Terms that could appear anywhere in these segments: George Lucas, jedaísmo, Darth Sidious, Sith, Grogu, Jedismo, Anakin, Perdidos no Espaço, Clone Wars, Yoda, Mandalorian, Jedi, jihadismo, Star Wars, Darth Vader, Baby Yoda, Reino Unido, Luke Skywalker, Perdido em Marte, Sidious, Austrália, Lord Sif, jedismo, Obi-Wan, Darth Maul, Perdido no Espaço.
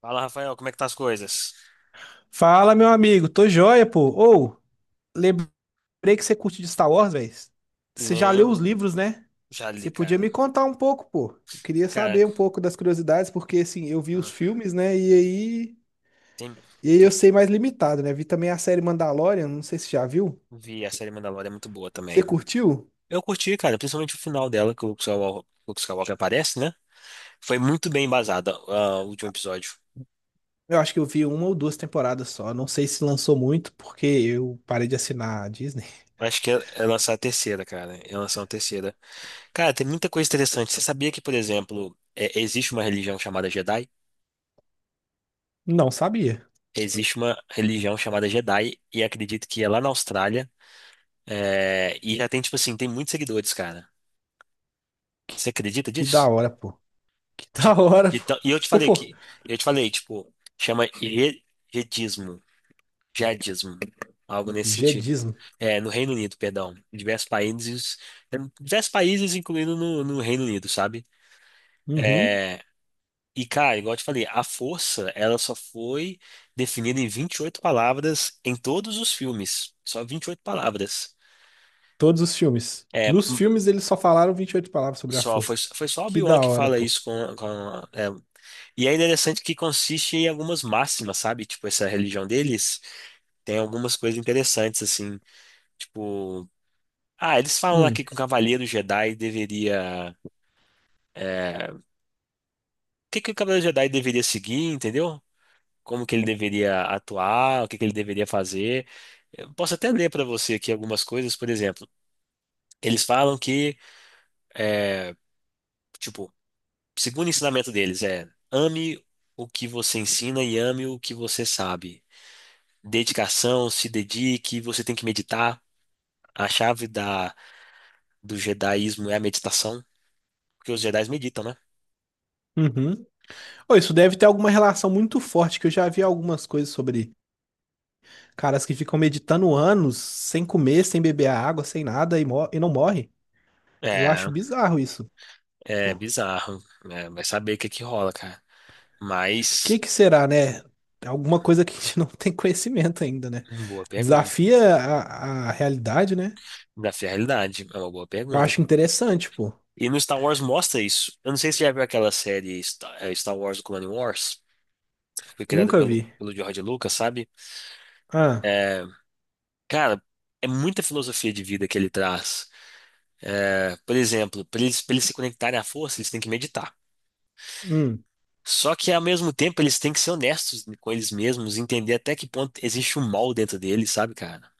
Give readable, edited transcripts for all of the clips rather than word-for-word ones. Fala, Rafael, como é que tá as coisas? Fala, meu amigo, tô joia, pô. Ou, lembrei que você curte de Star Wars, velho. Você já leu os Lembro. livros, né? Já li, Você podia cara. me contar um pouco, pô. Eu queria Cara, saber um pouco das curiosidades, porque assim, eu vi os ah, filmes, né? E aí, tem, e aí eu tem, sei mais limitado, né? Vi também a série Mandalorian, não sei se já viu. vi a série Mandalorian, é muito boa Você também. curtiu? Eu curti, cara, principalmente o final dela, que o Luke Skywalker aparece, né? Foi muito bem embasada, o último episódio. Eu acho que eu vi uma ou duas temporadas só. Não sei se lançou muito, porque eu parei de assinar a Disney. Acho que é lançar a terceira, cara. É lançar a terceira. Cara, tem muita coisa interessante. Você sabia que, por exemplo, existe uma religião chamada Jedi? Não sabia. Existe uma religião chamada Jedi, e acredito que é lá na Austrália. E já tem, tipo assim, tem muitos seguidores, cara. Você acredita Que da disso? hora, pô. Que da De- hora, de pô. tão- e Pô, pô. Eu te falei, tipo, chama jedismo, jihadismo, algo nesse sentido. Jedismo. É, no Reino Unido, perdão. Em diversos países, incluindo no Reino Unido, sabe? É, e, cara, igual eu te falei, a força, ela só foi definida em 28 palavras em todos os filmes. Só 28 palavras. Todos os filmes. É, Nos filmes eles só falaram 28 palavras sobre a só, força. foi só Que Obi-Wan da que hora, fala pô. isso com, é, E é interessante que consiste em algumas máximas, sabe? Tipo, essa religião deles tem algumas coisas interessantes, assim. Tipo, eles falam Hum, aqui que o cavaleiro Jedi deveria. O que que o cavaleiro Jedi deveria seguir, entendeu? Como que ele deveria atuar, o que que ele deveria fazer. Eu posso até ler para você aqui algumas coisas, por exemplo. Eles falam que, é, tipo, segundo o ensinamento deles, é ame o que você ensina e ame o que você sabe. Dedicação, se dedique, você tem que meditar. A chave do jedaísmo é a meditação, porque os jedis meditam, né? uhum. Ô, isso deve ter alguma relação muito forte, que eu já vi algumas coisas sobre caras que ficam meditando anos, sem comer, sem beber a água, sem nada e não morre. Eu É, acho bizarro isso, pô. é O bizarro. É, vai saber o que que rola, cara. que Mas, que será, né? Alguma coisa que a gente não tem conhecimento ainda, né? Boa pergunta. Desafia a realidade, né? Da realidade, é uma boa Eu pergunta. acho interessante, pô. E no Star Wars mostra isso. Eu não sei se você já viu aquela série Star Wars Clone Wars, que foi criada Nunca pelo, vi. pelo George Lucas, sabe? Ah, Cara, é muita filosofia de vida que ele traz. É, por exemplo, para eles se conectarem à força, eles têm que meditar. hum, Só que ao mesmo tempo eles têm que ser honestos com eles mesmos, entender até que ponto existe um mal dentro deles, sabe, cara?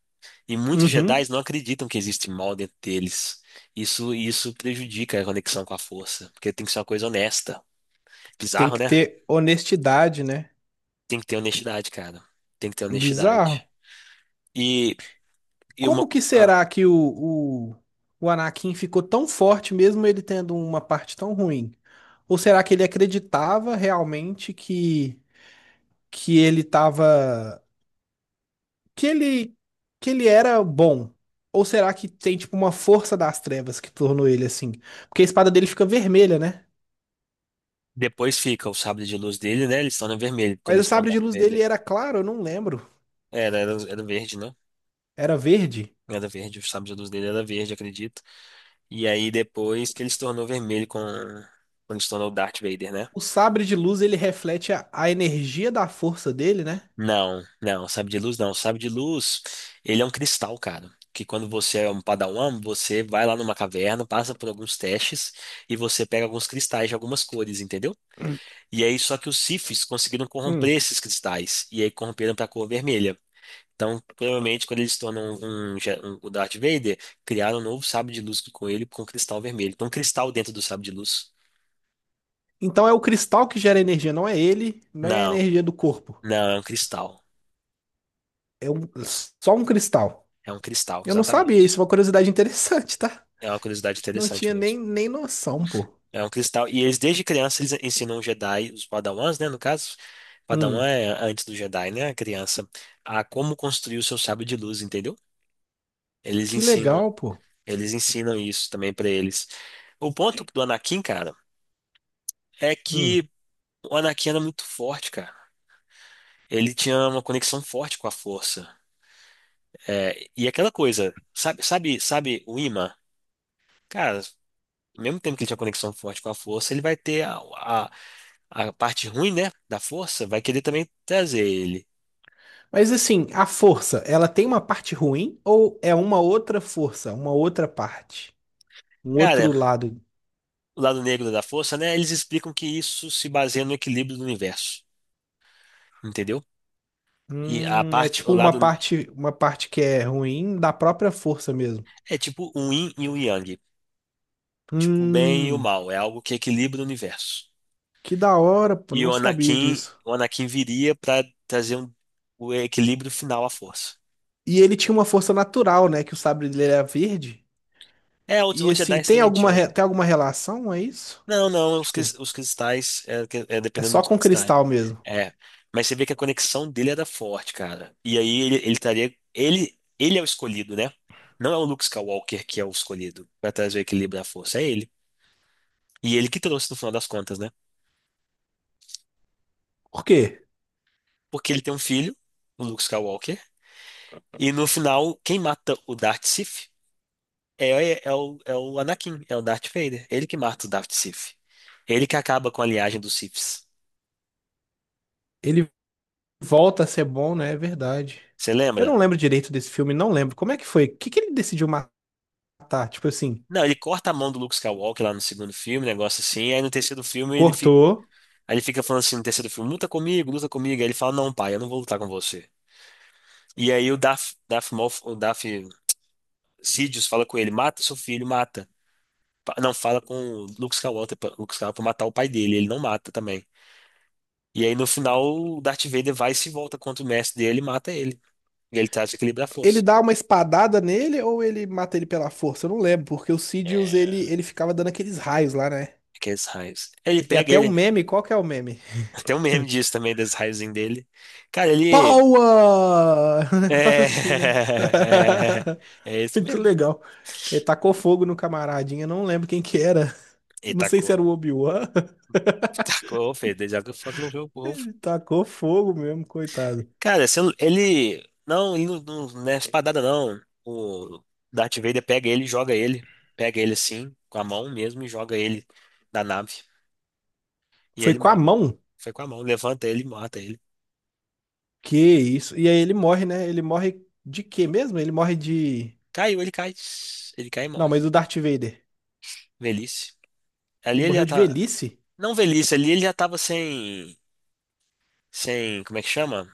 E muitos uhum. Jedis não acreditam que existe mal dentro deles. Isso prejudica a conexão com a força, porque tem que ser uma coisa honesta. Tem Bizarro, que né? ter honestidade, né? Tem que ter honestidade, cara. Tem que ter honestidade. Bizarro. E, e uma Como co- que ah, será que o Anakin ficou tão forte mesmo ele tendo uma parte tão ruim? Ou será que ele acreditava realmente que ele tava, que ele, que ele era bom? Ou será que tem tipo uma força das trevas que tornou ele assim? Porque a espada dele fica vermelha, né? Depois fica o sabre de luz dele, né? Ele se torna vermelho quando Mas ele o se torna sabre de Dark luz dele Vader. era claro, eu não lembro. Era verde, né? Era verde. Era verde, o sabre de luz dele era verde, acredito. E aí depois que ele se tornou vermelho, quando se tornou Darth Vader, né? O sabre de luz ele reflete a energia da força dele, né? Não, não, sabe de luz não. Sabe de luz, ele é um cristal, cara. Que quando você é um padawan, você vai lá numa caverna, passa por alguns testes e você pega alguns cristais de algumas cores, entendeu? E aí só que os Siths conseguiram corromper Hum. esses cristais e aí corromperam pra cor vermelha. Então, provavelmente, quando eles se tornam o Darth Vader, criaram um novo sabre de luz com ele com um cristal vermelho. Então, um cristal dentro do sabre de luz. Então é o cristal que gera energia, não é ele, não é a Não, energia do corpo. não, é um cristal. É um- só um cristal. É um cristal, Eu não sabia, exatamente. isso é uma curiosidade interessante, tá? É uma curiosidade Não interessante tinha mesmo. nem noção, pô. É um cristal. E eles, desde criança, eles ensinam os Jedi, os Padawans, né? No caso, Padawan Hum, é antes do Jedi, né? A como construir o seu sábio de luz, entendeu? Eles que ensinam, legal, pô. eles ensinam isso também pra eles. O ponto do Anakin, cara, é Hum. que o Anakin era muito forte, cara. Ele tinha uma conexão forte com a força. É, e aquela coisa, sabe o imã? Cara, ao mesmo tempo que ele tinha conexão forte com a força, ele vai ter a parte ruim, né, da força, vai querer também trazer ele. Mas assim, a força, ela tem uma parte ruim ou é uma outra força, uma outra parte, um Cara, outro lado? o lado negro da força, né, eles explicam que isso se baseia no equilíbrio do universo, entendeu? E a É parte, tipo o uma lado, parte, uma parte que é ruim da própria força mesmo. é tipo o yin e o yang, tipo o bem e o Hum, mal, é algo que equilibra o universo. que da hora, pô, E não o sabia Anakin, disso. o Anakin viria para trazer o equilíbrio final à força. E ele tinha uma força natural, né? Que o sabre dele era verde. É, o, E o assim, Jedi também. Tem alguma relação a isso? Não, não, os, cris- Tipo, os cristais, é é dependendo só dos com cristais. cristal mesmo. É, mas você vê que a conexão dele era forte, cara. E aí ele estaria. Ele é o escolhido, né? Não é o Luke Skywalker que é o escolhido pra trazer o equilíbrio da força, é ele. E ele que trouxe no final das contas, né? Por quê Porque ele tem um filho, o Luke Skywalker, e no final, quem mata o Darth Sith é, é o Anakin, é o Darth Vader. Ele que mata o Darth Sith. Ele que acaba com a linhagem dos Siths. Ele volta a ser bom, né? É verdade. Você Eu não lembra? lembro direito desse filme, não lembro. Como é que foi? O que que ele decidiu matar? Tipo assim, Não, ele corta a mão do Luke Skywalker lá no segundo filme, um negócio assim. Aí no terceiro filme. cortou. Aí ele fica falando assim no terceiro filme, luta comigo, luta comigo. Aí ele fala, não, pai, eu não vou lutar com você. E aí o Darth, Darth Maul, o Darth Sidious fala com ele, mata seu filho, mata. Não, fala com o Luke Skywalker pra matar o pai dele, ele não mata também. E aí no final o Darth Vader vai e se volta contra o mestre dele e mata ele. E ele traz o equilíbrio da Ele força. dá uma espadada nele ou ele mata ele pela força? Eu não lembro, porque o Sidious, É, ele ficava dando aqueles raios lá, né? aqueles raios. Ele Que tem pega até um ele, meme. Qual que é o meme? tem um meme disso também, das raios dele. Cara, ele. Power! Um negócio É, assim, né? é isso Muito mesmo. legal. Ele tacou fogo no camaradinha, não lembro quem que era. E Não sei se tacou. era o Obi-Wan. Tacou, fez. Desde que foi que não viu o povo. Ele tacou fogo mesmo, coitado. Cara, se eu- ele. Não, ele não, não, não é espadada, não. O Darth Vader pega ele e joga ele. Pega ele assim, com a mão mesmo, e joga ele da nave. E Foi ele com a morre. mão? Foi com a mão, levanta ele e mata ele. Que isso. E aí ele morre, né? Ele morre de quê mesmo? Ele morre de. Caiu, ele cai. Ele cai e Não, morre. mas o Darth Vader. Velhice. Ali Ele ele morreu já de tá. velhice. Não velhice, ali ele já tava sem. Sem. Como é que chama?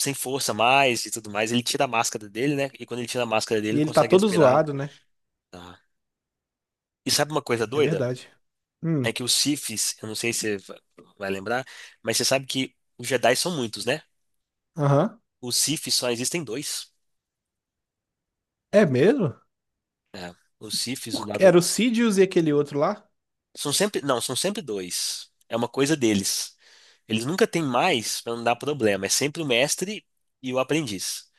Sem força mais e tudo mais. Ele tira a máscara dele, né? E quando ele tira a máscara dele, E ele ele tá consegue todo respirar. zoado, né? Tá. E sabe uma coisa É doida? verdade. É Hum. que os Siths, eu não sei se você vai lembrar, mas você sabe que os Jedi são muitos, né? Aham. Os Siths só existem dois. É mesmo? É. Os Siths, o Por- quê? lado. Era o Sidious e aquele outro lá? São sempre. Não, são sempre dois. É uma coisa deles. Eles nunca têm mais pra não dar problema. É sempre o mestre e o aprendiz.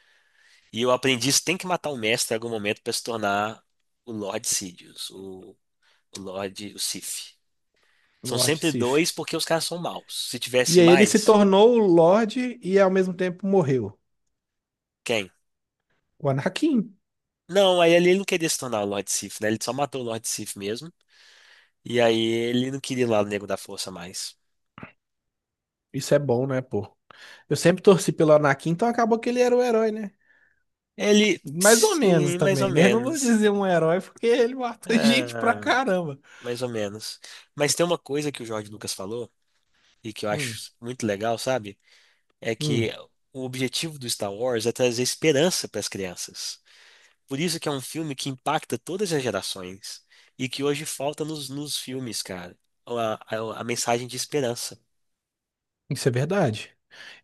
E o aprendiz tem que matar o mestre em algum momento pra se tornar o Lord Sidious, o Lord, o Sith. São Lord sempre Sif. dois porque os caras são maus. Se tivesse E aí ele se mais, tornou o Lorde e ao mesmo tempo morreu. quem? O Anakin. Não, aí ele não queria se tornar o Lord Sif, né? Ele só matou o Lord Sif mesmo. E aí ele não queria ir lá no Nego da Força mais. Isso é bom, né, pô? Eu sempre torci pelo Anakin, então acabou que ele era o herói, né? Ele, Mais ou menos sim, mais ou também, né? Não vou menos. dizer um herói porque ele matou gente pra Ah, caramba. mais ou menos. Mas tem uma coisa que o George Lucas falou, e que eu Hum, acho muito legal, sabe? É hum, que o objetivo do Star Wars é trazer esperança para as crianças. Por isso que é um filme que impacta todas as gerações e que hoje falta nos filmes, cara. A, a mensagem de esperança isso é verdade.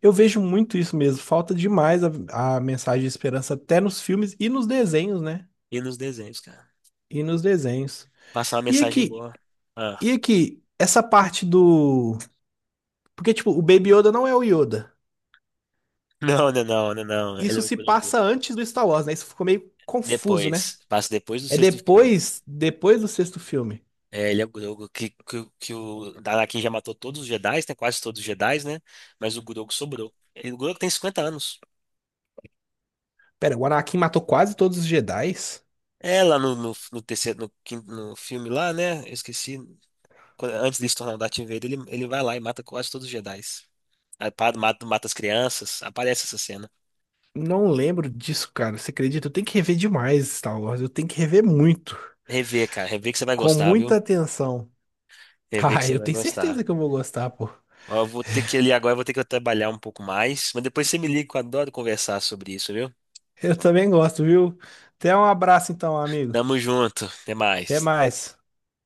Eu vejo muito isso mesmo. Falta demais a mensagem de esperança até nos filmes e nos desenhos, né? e nos desenhos, cara. E nos desenhos. Passar uma E mensagem aqui, boa. Ah, e aqui, essa parte do. Porque, tipo, o Baby Yoda não é o Yoda. não, não, não, não, não. Ele Isso é o se Grogu. passa antes do Star Wars, né? Isso ficou meio confuso, né? Depois, passa depois do É sexto filme. depois, depois do sexto filme. É, ele é o Grogu que o Anakin já matou todos os Jedi, né? Quase todos os Jedi, né? Mas o Grogu sobrou. E o Grogu tem 50 anos. Pera, o Anakin matou quase todos os Jedis? É lá no terceiro, no filme lá, né? Eu esqueci. Antes de se tornar o Darth Vader, ele vai lá e mata quase todos os Jedis. Aí mata as crianças, aparece essa cena. Não lembro disso, cara. Você acredita? Eu tenho que rever demais Star Wars. Eu tenho que rever muito. Rever, cara, rever que você vai Com gostar, viu? muita atenção. Rever que Ah, você eu vai tenho certeza gostar. que eu vou gostar, pô. Ó, eu vou ter que ir ali agora, eu vou ter que trabalhar um pouco mais, mas depois você me liga, que eu adoro conversar sobre isso, viu? Eu também gosto, viu? Até um abraço então, amigo. Tamo junto, até Até mais. mais.